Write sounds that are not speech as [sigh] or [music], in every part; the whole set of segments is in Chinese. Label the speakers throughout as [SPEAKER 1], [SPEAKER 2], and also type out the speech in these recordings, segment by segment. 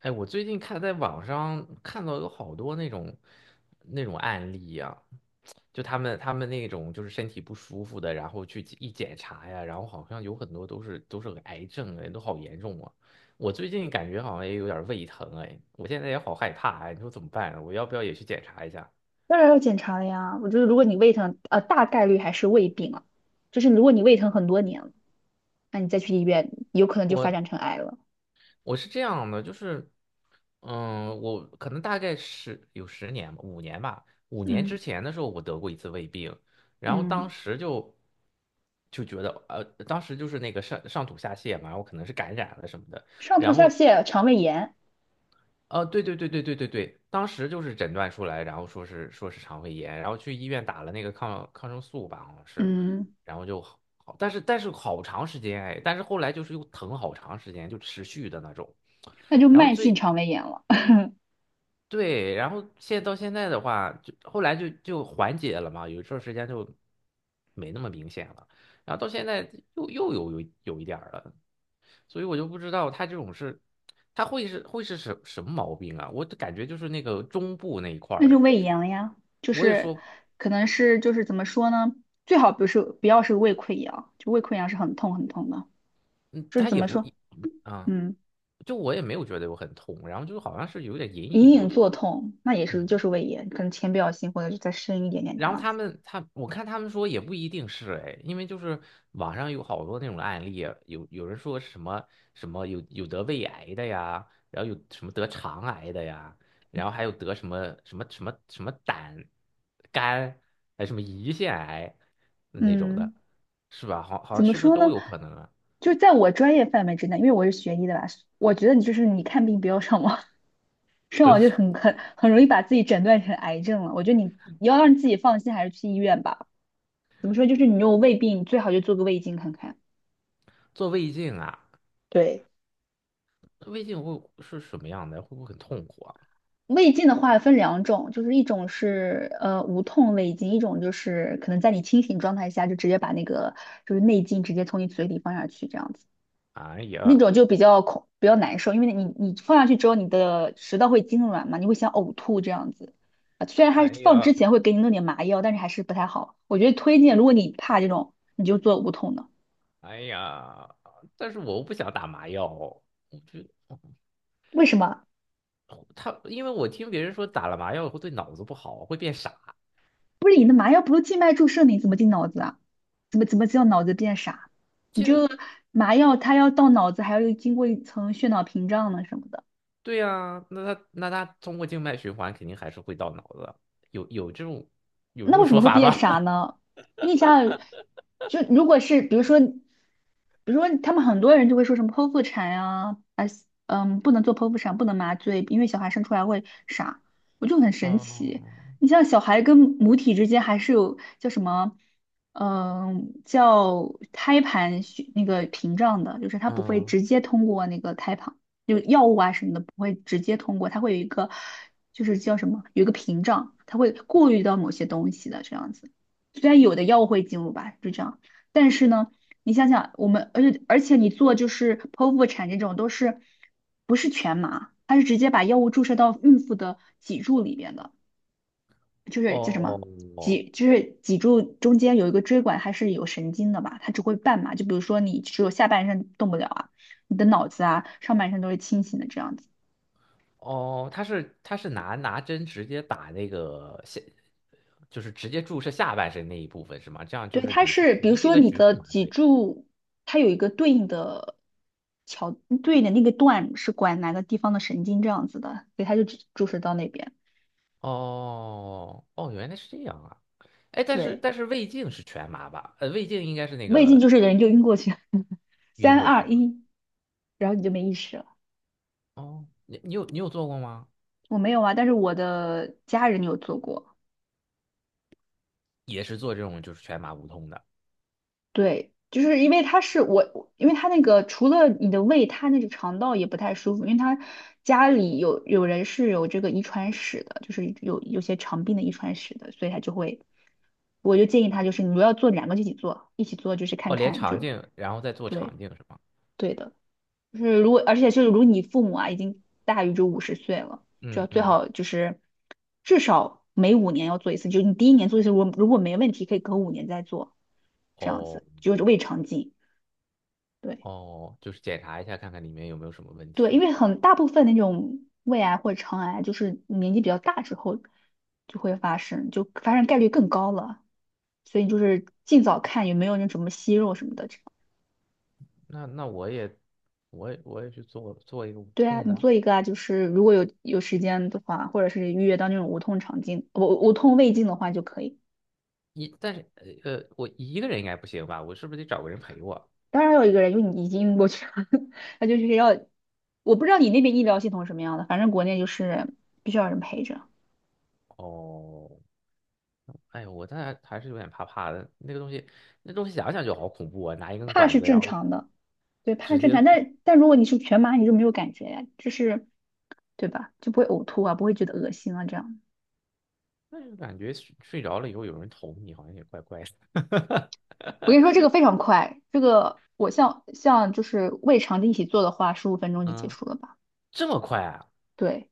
[SPEAKER 1] 哎，我最近看在网上看到有好多那种案例呀、就他们那种就是身体不舒服的，然后去一检查呀，然后好像有很多都是癌症，哎，都好严重啊。我最近感觉好像也有点胃疼，哎，我现在也好害怕，哎，你说怎么办啊，我要不要也去检查一下？
[SPEAKER 2] 当然要检查了呀。我觉得如果你胃疼，大概率还是胃病了。就是如果你胃疼很多年了，那你再去医院，有可能就发
[SPEAKER 1] 我。
[SPEAKER 2] 展成癌了。
[SPEAKER 1] 我是这样的，就是，嗯，我可能大概十年吧，五年吧，五年
[SPEAKER 2] 嗯
[SPEAKER 1] 之前的时候我得过一次胃病，然后当
[SPEAKER 2] 嗯，
[SPEAKER 1] 时就就觉得，当时就是那个上吐下泻嘛，我可能是感染了什么的，
[SPEAKER 2] 上吐下泻、肠胃炎，
[SPEAKER 1] 对对对对对对对，当时就是诊断出来，然后说是肠胃炎，然后去医院打了那个抗生素吧，好像是，
[SPEAKER 2] 嗯，
[SPEAKER 1] 然后就好，好但是好长时间哎，但是后来就是又疼好长时间，就持续的那种。
[SPEAKER 2] 那就
[SPEAKER 1] 然后
[SPEAKER 2] 慢性
[SPEAKER 1] 最
[SPEAKER 2] 肠胃炎了，
[SPEAKER 1] 对，然后到现在的话，就后来就缓解了嘛，有一段时间就没那么明显了，然后到现在又有一点儿了，所以我就不知道他这种是，他会是什么毛病啊？我就感觉就是那个中部那一块
[SPEAKER 2] [laughs] 那
[SPEAKER 1] 儿
[SPEAKER 2] 就
[SPEAKER 1] 哎，
[SPEAKER 2] 胃炎了呀。就
[SPEAKER 1] 我也
[SPEAKER 2] 是
[SPEAKER 1] 说，
[SPEAKER 2] 可能是就是怎么说呢？最好不是不要是胃溃疡，就胃溃疡是很痛很痛的。
[SPEAKER 1] 嗯，
[SPEAKER 2] 就是
[SPEAKER 1] 他
[SPEAKER 2] 怎
[SPEAKER 1] 也
[SPEAKER 2] 么
[SPEAKER 1] 不
[SPEAKER 2] 说？
[SPEAKER 1] 一，啊，
[SPEAKER 2] 嗯，
[SPEAKER 1] 就我也没有觉得我很痛，然后就好像是有点隐
[SPEAKER 2] 隐
[SPEAKER 1] 隐作
[SPEAKER 2] 隐
[SPEAKER 1] 痛，
[SPEAKER 2] 作痛，那也是就
[SPEAKER 1] 嗯。
[SPEAKER 2] 是胃炎，可能浅表性或者是再深一点点这
[SPEAKER 1] 然后
[SPEAKER 2] 样
[SPEAKER 1] 他
[SPEAKER 2] 子。
[SPEAKER 1] 们他我看他们说也不一定是哎，因为就是网上有好多那种案例啊，有人说什么有得胃癌的呀，然后有什么得肠癌的呀，然后还有得什么胆、肝，还有什么胰腺癌嗯那种
[SPEAKER 2] 嗯。
[SPEAKER 1] 的，是吧？好好
[SPEAKER 2] 怎么
[SPEAKER 1] 是不是
[SPEAKER 2] 说呢？
[SPEAKER 1] 都有可能啊？
[SPEAKER 2] 就在我专业范围之内，因为我是学医的吧，我觉得你就是你看病不要上网，[laughs] 上
[SPEAKER 1] 不用
[SPEAKER 2] 网就很容易把自己诊断成癌症了。我觉得你要让自己放心，还是去医院吧。怎么说？就是你有胃病，最好就做个胃镜看看。
[SPEAKER 1] 做胃镜啊，
[SPEAKER 2] 对，
[SPEAKER 1] 胃镜会是什么样的？会不会很痛苦啊？
[SPEAKER 2] 胃镜的话分两种，就是一种是无痛胃镜，一种就是可能在你清醒状态下就直接把那个就是内镜直接从你嘴里放下去这样子。
[SPEAKER 1] 哎
[SPEAKER 2] 那
[SPEAKER 1] 呀，
[SPEAKER 2] 种就比较恐，比较难受，因为你放下去之后，你的食道会痉挛嘛，你会想呕吐这样子啊。虽然它
[SPEAKER 1] 哎
[SPEAKER 2] 放之
[SPEAKER 1] 呀。
[SPEAKER 2] 前会给你弄点麻药，但是还是不太好。我觉得推荐，如果你怕这种，你就做无痛的。
[SPEAKER 1] 哎呀，但是我又不想打麻药，我觉得
[SPEAKER 2] 为什么？
[SPEAKER 1] 他，因为我听别人说打了麻药会对脑子不好，会变傻。
[SPEAKER 2] 不是你的麻药不是静脉注射，你怎么进脑子啊？怎么叫脑子变傻？你
[SPEAKER 1] 静，
[SPEAKER 2] 这个麻药它要到脑子，还要经过一层血脑屏障呢什么的。
[SPEAKER 1] 对呀，那他通过静脉循环肯定还是会到脑子，有这种有这
[SPEAKER 2] 那
[SPEAKER 1] 种
[SPEAKER 2] 为什么
[SPEAKER 1] 说
[SPEAKER 2] 会
[SPEAKER 1] 法
[SPEAKER 2] 变傻
[SPEAKER 1] 吧？
[SPEAKER 2] 呢？你想想，就如果是比如说，比如说他们很多人就会说什么剖腹产呀、啊，嗯，不能做剖腹产，不能麻醉，因为小孩生出来会傻，我就很
[SPEAKER 1] [laughs]
[SPEAKER 2] 神奇。
[SPEAKER 1] 哦，
[SPEAKER 2] 你像小孩跟母体之间还是有叫什么，嗯，叫胎盘血那个屏障的，就是他不会
[SPEAKER 1] 嗯，
[SPEAKER 2] 直接通过那个胎盘。就药物啊什么的不会直接通过，它会有一个就是叫什么，有一个屏障，它会过滤到某些东西的这样子。虽然有的药物会进入吧，就这样，但是呢，你想想我们，而且你做就是剖腹产这种都是不是全麻，它是直接把药物注射到孕妇的脊柱里边的，就是叫什么？
[SPEAKER 1] 哦
[SPEAKER 2] 脊就是脊柱中间有一个椎管，它是有神经的吧？它只会半麻，就比如说你只有下半身动不了啊，你的脑子啊上半身都是清醒的这样子。
[SPEAKER 1] 哦，他是拿针直接打那个下，就是直接注射下半身那一部分是吗？这样就
[SPEAKER 2] 对，
[SPEAKER 1] 是
[SPEAKER 2] 它
[SPEAKER 1] 你是
[SPEAKER 2] 是
[SPEAKER 1] 属
[SPEAKER 2] 比如
[SPEAKER 1] 于这
[SPEAKER 2] 说
[SPEAKER 1] 个
[SPEAKER 2] 你
[SPEAKER 1] 局
[SPEAKER 2] 的
[SPEAKER 1] 部麻
[SPEAKER 2] 脊
[SPEAKER 1] 醉。
[SPEAKER 2] 柱，它有一个对应的桥，对应的那个段是管哪个地方的神经这样子的，所以它就注射到那边。
[SPEAKER 1] 哦哦，哦原来是这样啊！哎，但是
[SPEAKER 2] 对，
[SPEAKER 1] 胃镜是全麻吧？呃，胃镜应该是那
[SPEAKER 2] 胃镜
[SPEAKER 1] 个
[SPEAKER 2] 就是人就晕过去，[laughs]
[SPEAKER 1] 晕
[SPEAKER 2] 三
[SPEAKER 1] 过去
[SPEAKER 2] 二
[SPEAKER 1] 啊。
[SPEAKER 2] 一，然后你就没意识了。
[SPEAKER 1] 哦，你有做过吗？
[SPEAKER 2] 我没有啊，但是我的家人有做过。
[SPEAKER 1] 也是做这种就是全麻无痛的。
[SPEAKER 2] 对，就是因为他是我，因为他那个除了你的胃，他那个肠道也不太舒服，因为他家里有人是有这个遗传史的，就是有些肠病的遗传史的，所以他就会，我就建议他就是你如果要做两个就一起做，一起做就是看
[SPEAKER 1] 哦，连
[SPEAKER 2] 看，就
[SPEAKER 1] 肠
[SPEAKER 2] 是
[SPEAKER 1] 镜，然后再做
[SPEAKER 2] 对
[SPEAKER 1] 肠镜是吗？
[SPEAKER 2] 对的，就是如果而且就是如果你父母啊已经大于就五十岁了，就
[SPEAKER 1] 嗯
[SPEAKER 2] 要最
[SPEAKER 1] 嗯。
[SPEAKER 2] 好就是至少每五年要做一次，就是你第一年做一次，如果没问题可以隔五年再做。这样
[SPEAKER 1] 哦
[SPEAKER 2] 子，就是胃肠镜，对
[SPEAKER 1] 哦，就是检查一下看看里面有没有什么问
[SPEAKER 2] 对，因
[SPEAKER 1] 题。
[SPEAKER 2] 为很大部分那种胃癌或者肠癌，就是年纪比较大之后就会发生，就发生概率更高了。所以就是尽早看有没有那什么息肉什么的这样。
[SPEAKER 1] 那我也我也去做一个无
[SPEAKER 2] 对啊，
[SPEAKER 1] 痛
[SPEAKER 2] 你
[SPEAKER 1] 的。
[SPEAKER 2] 做一个啊，就是如果有时间的话，或者是预约到那种无痛肠镜，无痛胃镜的话就可以。
[SPEAKER 1] 一但是，我一个人应该不行吧？我是不是得找个人陪我？
[SPEAKER 2] 当然还有一个人，因为你已经晕过去了，[laughs] 他就是要，我不知道你那边医疗系统什么样的，反正国内就是必须要有人陪着，
[SPEAKER 1] 哦哎呦，我但还是有点怕怕的。那个东西，那东西想想就好恐怖啊！拿一根
[SPEAKER 2] 怕
[SPEAKER 1] 管
[SPEAKER 2] 是
[SPEAKER 1] 子，然
[SPEAKER 2] 正
[SPEAKER 1] 后
[SPEAKER 2] 常的。对，怕
[SPEAKER 1] 直
[SPEAKER 2] 正常，
[SPEAKER 1] 接，
[SPEAKER 2] 但但如果你是全麻，你就没有感觉呀，就是对吧？就不会呕吐啊，不会觉得恶心啊，这样。
[SPEAKER 1] 但是感觉睡着了以后有人捅你，好像也怪怪的。[laughs]
[SPEAKER 2] 我跟你说，这个非常快，这个我像就是胃肠的一起做的话，十五分钟就结
[SPEAKER 1] 嗯，
[SPEAKER 2] 束了吧？
[SPEAKER 1] 这么快啊？
[SPEAKER 2] 对。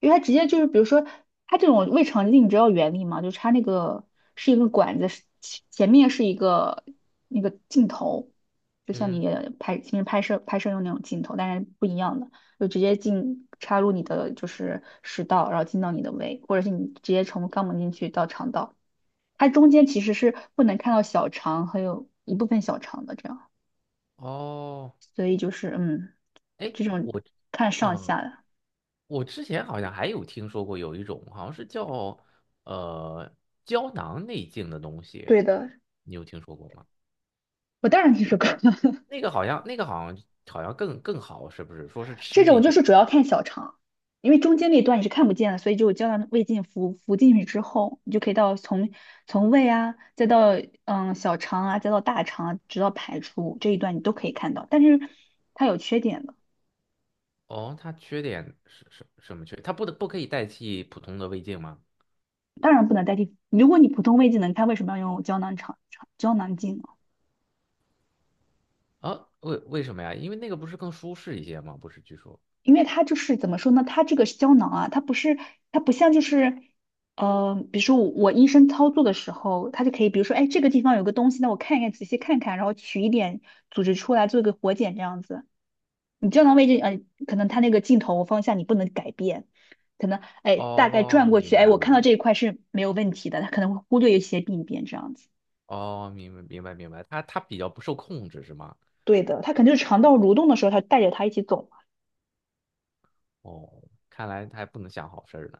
[SPEAKER 2] 因为它直接就是，比如说它这种胃肠镜，你知道原理吗？就插那个是一个管子，是前面是一个那个镜头，就像
[SPEAKER 1] 嗯，
[SPEAKER 2] 你拍平时拍摄用那种镜头，但是不一样的，就直接插入你的就是食道，然后进到你的胃，或者是你直接从肛门进去到肠道。它中间其实是不能看到小肠，还有一部分小肠的这样，
[SPEAKER 1] 哦，
[SPEAKER 2] 所以就是嗯，
[SPEAKER 1] 哎，
[SPEAKER 2] 这种
[SPEAKER 1] 我，
[SPEAKER 2] 看上
[SPEAKER 1] 嗯，
[SPEAKER 2] 下的。
[SPEAKER 1] 我之前好像还有听说过有一种，好像是叫呃胶囊内镜的东西，
[SPEAKER 2] 对的，
[SPEAKER 1] 你有听说过吗？
[SPEAKER 2] 我当然听说过。[laughs]
[SPEAKER 1] 那个好像，那个好像好像更好，是不是？说是
[SPEAKER 2] 这
[SPEAKER 1] 吃进
[SPEAKER 2] 种就
[SPEAKER 1] 去。
[SPEAKER 2] 是主要看小肠，因为中间那段你是看不见的，所以就胶囊胃镜服进去之后，你就可以到从从胃啊，再到嗯小肠啊，再到大肠啊，直到排出这一段你都可以看到。但是它有缺点的，
[SPEAKER 1] 哦，它缺点是什么缺？它不可以代替普通的胃镜吗？
[SPEAKER 2] 当然不能代替。如果你普通胃镜能看，为什么要用胶囊胶囊镜呢？
[SPEAKER 1] 啊，为什么呀？因为那个不是更舒适一些吗？不是，据说。
[SPEAKER 2] 因为它就是怎么说呢？它这个胶囊啊，它不是，它不像就是，比如说我医生操作的时候，他就可以，比如说，哎，这个地方有个东西，那我看一看，仔细看看，然后取一点组织出来做一个活检这样子。你胶囊位置，可能它那个镜头方向你不能改变，可能，哎，大概
[SPEAKER 1] 哦，
[SPEAKER 2] 转过
[SPEAKER 1] 明
[SPEAKER 2] 去，
[SPEAKER 1] 白
[SPEAKER 2] 哎，我看到
[SPEAKER 1] 了。
[SPEAKER 2] 这一块是没有问题的，它可能会忽略一些病变这样子。
[SPEAKER 1] 哦，明白，它它比较不受控制是吗？
[SPEAKER 2] 对的，它肯定是肠道蠕动的时候，它带着它一起走嘛。
[SPEAKER 1] 哦，看来它还不能想好事儿呢，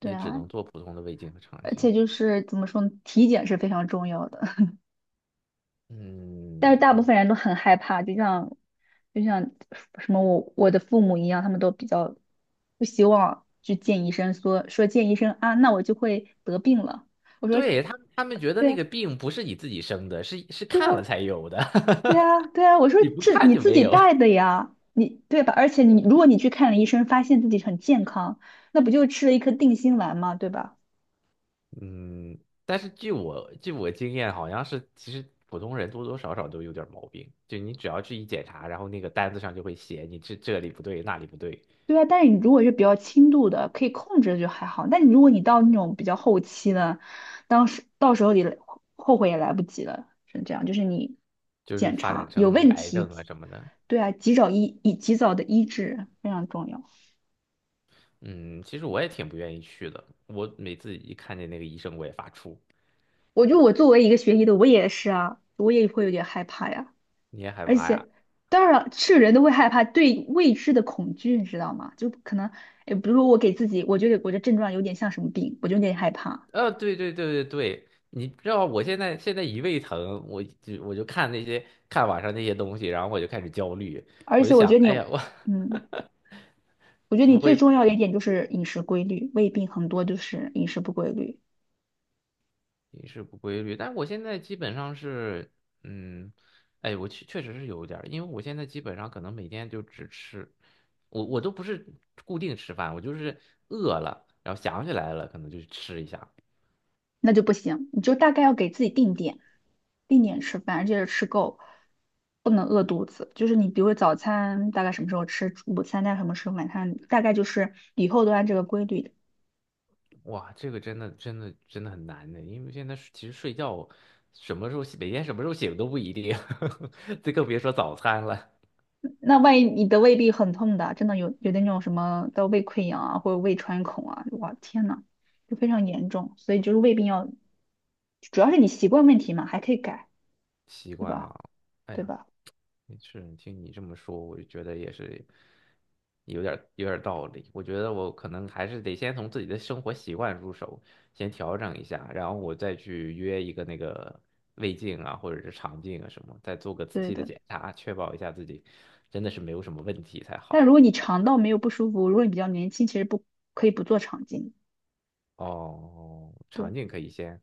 [SPEAKER 2] 对
[SPEAKER 1] 只
[SPEAKER 2] 啊，
[SPEAKER 1] 能做普通的胃镜和肠
[SPEAKER 2] 而
[SPEAKER 1] 镜。
[SPEAKER 2] 且就是怎么说呢，体检是非常重要的。
[SPEAKER 1] 嗯，
[SPEAKER 2] 但是大部
[SPEAKER 1] 我
[SPEAKER 2] 分人都很害怕，就像什么我的父母一样，他们都比较不希望去见医生说见医生啊，那我就会得病了。我说
[SPEAKER 1] 对他们觉得
[SPEAKER 2] 对
[SPEAKER 1] 那
[SPEAKER 2] 呀，
[SPEAKER 1] 个病不是你自己生的，是是
[SPEAKER 2] 对
[SPEAKER 1] 看了
[SPEAKER 2] 呀，
[SPEAKER 1] 才有的，
[SPEAKER 2] 对呀，对呀，我
[SPEAKER 1] [laughs]
[SPEAKER 2] 说
[SPEAKER 1] 你不
[SPEAKER 2] 这
[SPEAKER 1] 看
[SPEAKER 2] 你
[SPEAKER 1] 就
[SPEAKER 2] 自
[SPEAKER 1] 没
[SPEAKER 2] 己
[SPEAKER 1] 有。
[SPEAKER 2] 带的呀，你对吧？而且你如果你去看了医生，发现自己很健康，那不就吃了一颗定心丸吗？对吧？
[SPEAKER 1] 嗯，但是据我经验，好像是其实普通人多多少少都有点儿毛病，就你只要去一检查，然后那个单子上就会写你这里不对那里不对，
[SPEAKER 2] 对啊，但是你如果是比较轻度的，可以控制的就还好。但你如果你到那种比较后期呢，当时到时候你来后悔也来不及了，是这样。就是你
[SPEAKER 1] 就是
[SPEAKER 2] 检
[SPEAKER 1] 发展
[SPEAKER 2] 查有
[SPEAKER 1] 成
[SPEAKER 2] 问
[SPEAKER 1] 癌
[SPEAKER 2] 题，
[SPEAKER 1] 症啊什么的。
[SPEAKER 2] 对啊，及早医以及早的医治非常重要。
[SPEAKER 1] 嗯，其实我也挺不愿意去的，我每次一看见那个医生我也发怵，
[SPEAKER 2] 我作为一个学医的，我也是啊，我也会有点害怕呀。
[SPEAKER 1] 你也害
[SPEAKER 2] 而
[SPEAKER 1] 怕呀？
[SPEAKER 2] 且，当然是人都会害怕对未知的恐惧，你知道吗？就可能，哎，比如说我给自己，我觉得我的症状有点像什么病，我就有点害怕。
[SPEAKER 1] 对对对对对，你知道我现在一胃疼，我就看那些看网上那些东西，然后我就开始焦虑，
[SPEAKER 2] 而
[SPEAKER 1] 我就
[SPEAKER 2] 且我觉
[SPEAKER 1] 想，
[SPEAKER 2] 得你，
[SPEAKER 1] 哎呀，我
[SPEAKER 2] 嗯。我觉
[SPEAKER 1] [laughs]
[SPEAKER 2] 得你
[SPEAKER 1] 不
[SPEAKER 2] 最
[SPEAKER 1] 会
[SPEAKER 2] 重要的一点就是饮食规律，胃病很多就是饮食不规律，
[SPEAKER 1] 饮食不规律，但我现在基本上是，嗯，哎，我确实是有一点儿，因为我现在基本上可能每天就只吃，我都不是固定吃饭，我就是饿了，然后想起来了，可能就吃一下。
[SPEAKER 2] 那就不行。你就大概要给自己定点，定点吃饭，而且吃够，不能饿肚子。就是你比如说早餐大概什么时候吃，午餐大概什么时候，晚餐大概就是以后都按这个规律。的。
[SPEAKER 1] 哇，这个真的很难的，因为现在其实睡觉什么时候每天什么时候醒都不一定，[laughs] 这更别说早餐了。
[SPEAKER 2] 那万一你的胃病很痛的，真的有的那种什么的胃溃疡啊，或者胃穿孔啊，哇天呐，就非常严重。所以就是胃病要，主要是你习惯问题嘛，还可以改，
[SPEAKER 1] 习
[SPEAKER 2] 对
[SPEAKER 1] 惯
[SPEAKER 2] 吧？
[SPEAKER 1] 啊，哎
[SPEAKER 2] 对
[SPEAKER 1] 呀，
[SPEAKER 2] 吧？
[SPEAKER 1] 是，听你这么说，我就觉得也是有点儿道理。我觉得我可能还是得先从自己的生活习惯入手，先调整一下，然后我再去约一个那个胃镜啊，或者是肠镜啊什么，再做个仔
[SPEAKER 2] 对
[SPEAKER 1] 细的
[SPEAKER 2] 的。
[SPEAKER 1] 检查，确保一下自己真的是没有什么问题才
[SPEAKER 2] 但如
[SPEAKER 1] 好。
[SPEAKER 2] 果你肠道没有不舒服，如果你比较年轻，其实不可以不做肠镜。
[SPEAKER 1] 哦，肠
[SPEAKER 2] 对
[SPEAKER 1] 镜可以先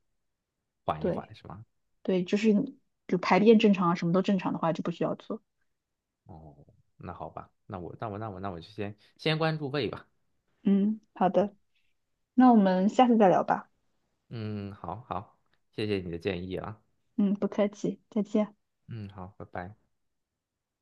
[SPEAKER 1] 缓一
[SPEAKER 2] 对
[SPEAKER 1] 缓，是吗？
[SPEAKER 2] 对，就是你就排便正常啊，什么都正常的话就不需要做。
[SPEAKER 1] 哦，那好吧，那我就先先关注胃吧。
[SPEAKER 2] 嗯，好的，那我们下次再聊吧。
[SPEAKER 1] 嗯，好好，谢谢你的建议啊。
[SPEAKER 2] 嗯，不客气，再见。
[SPEAKER 1] 嗯，好，拜拜。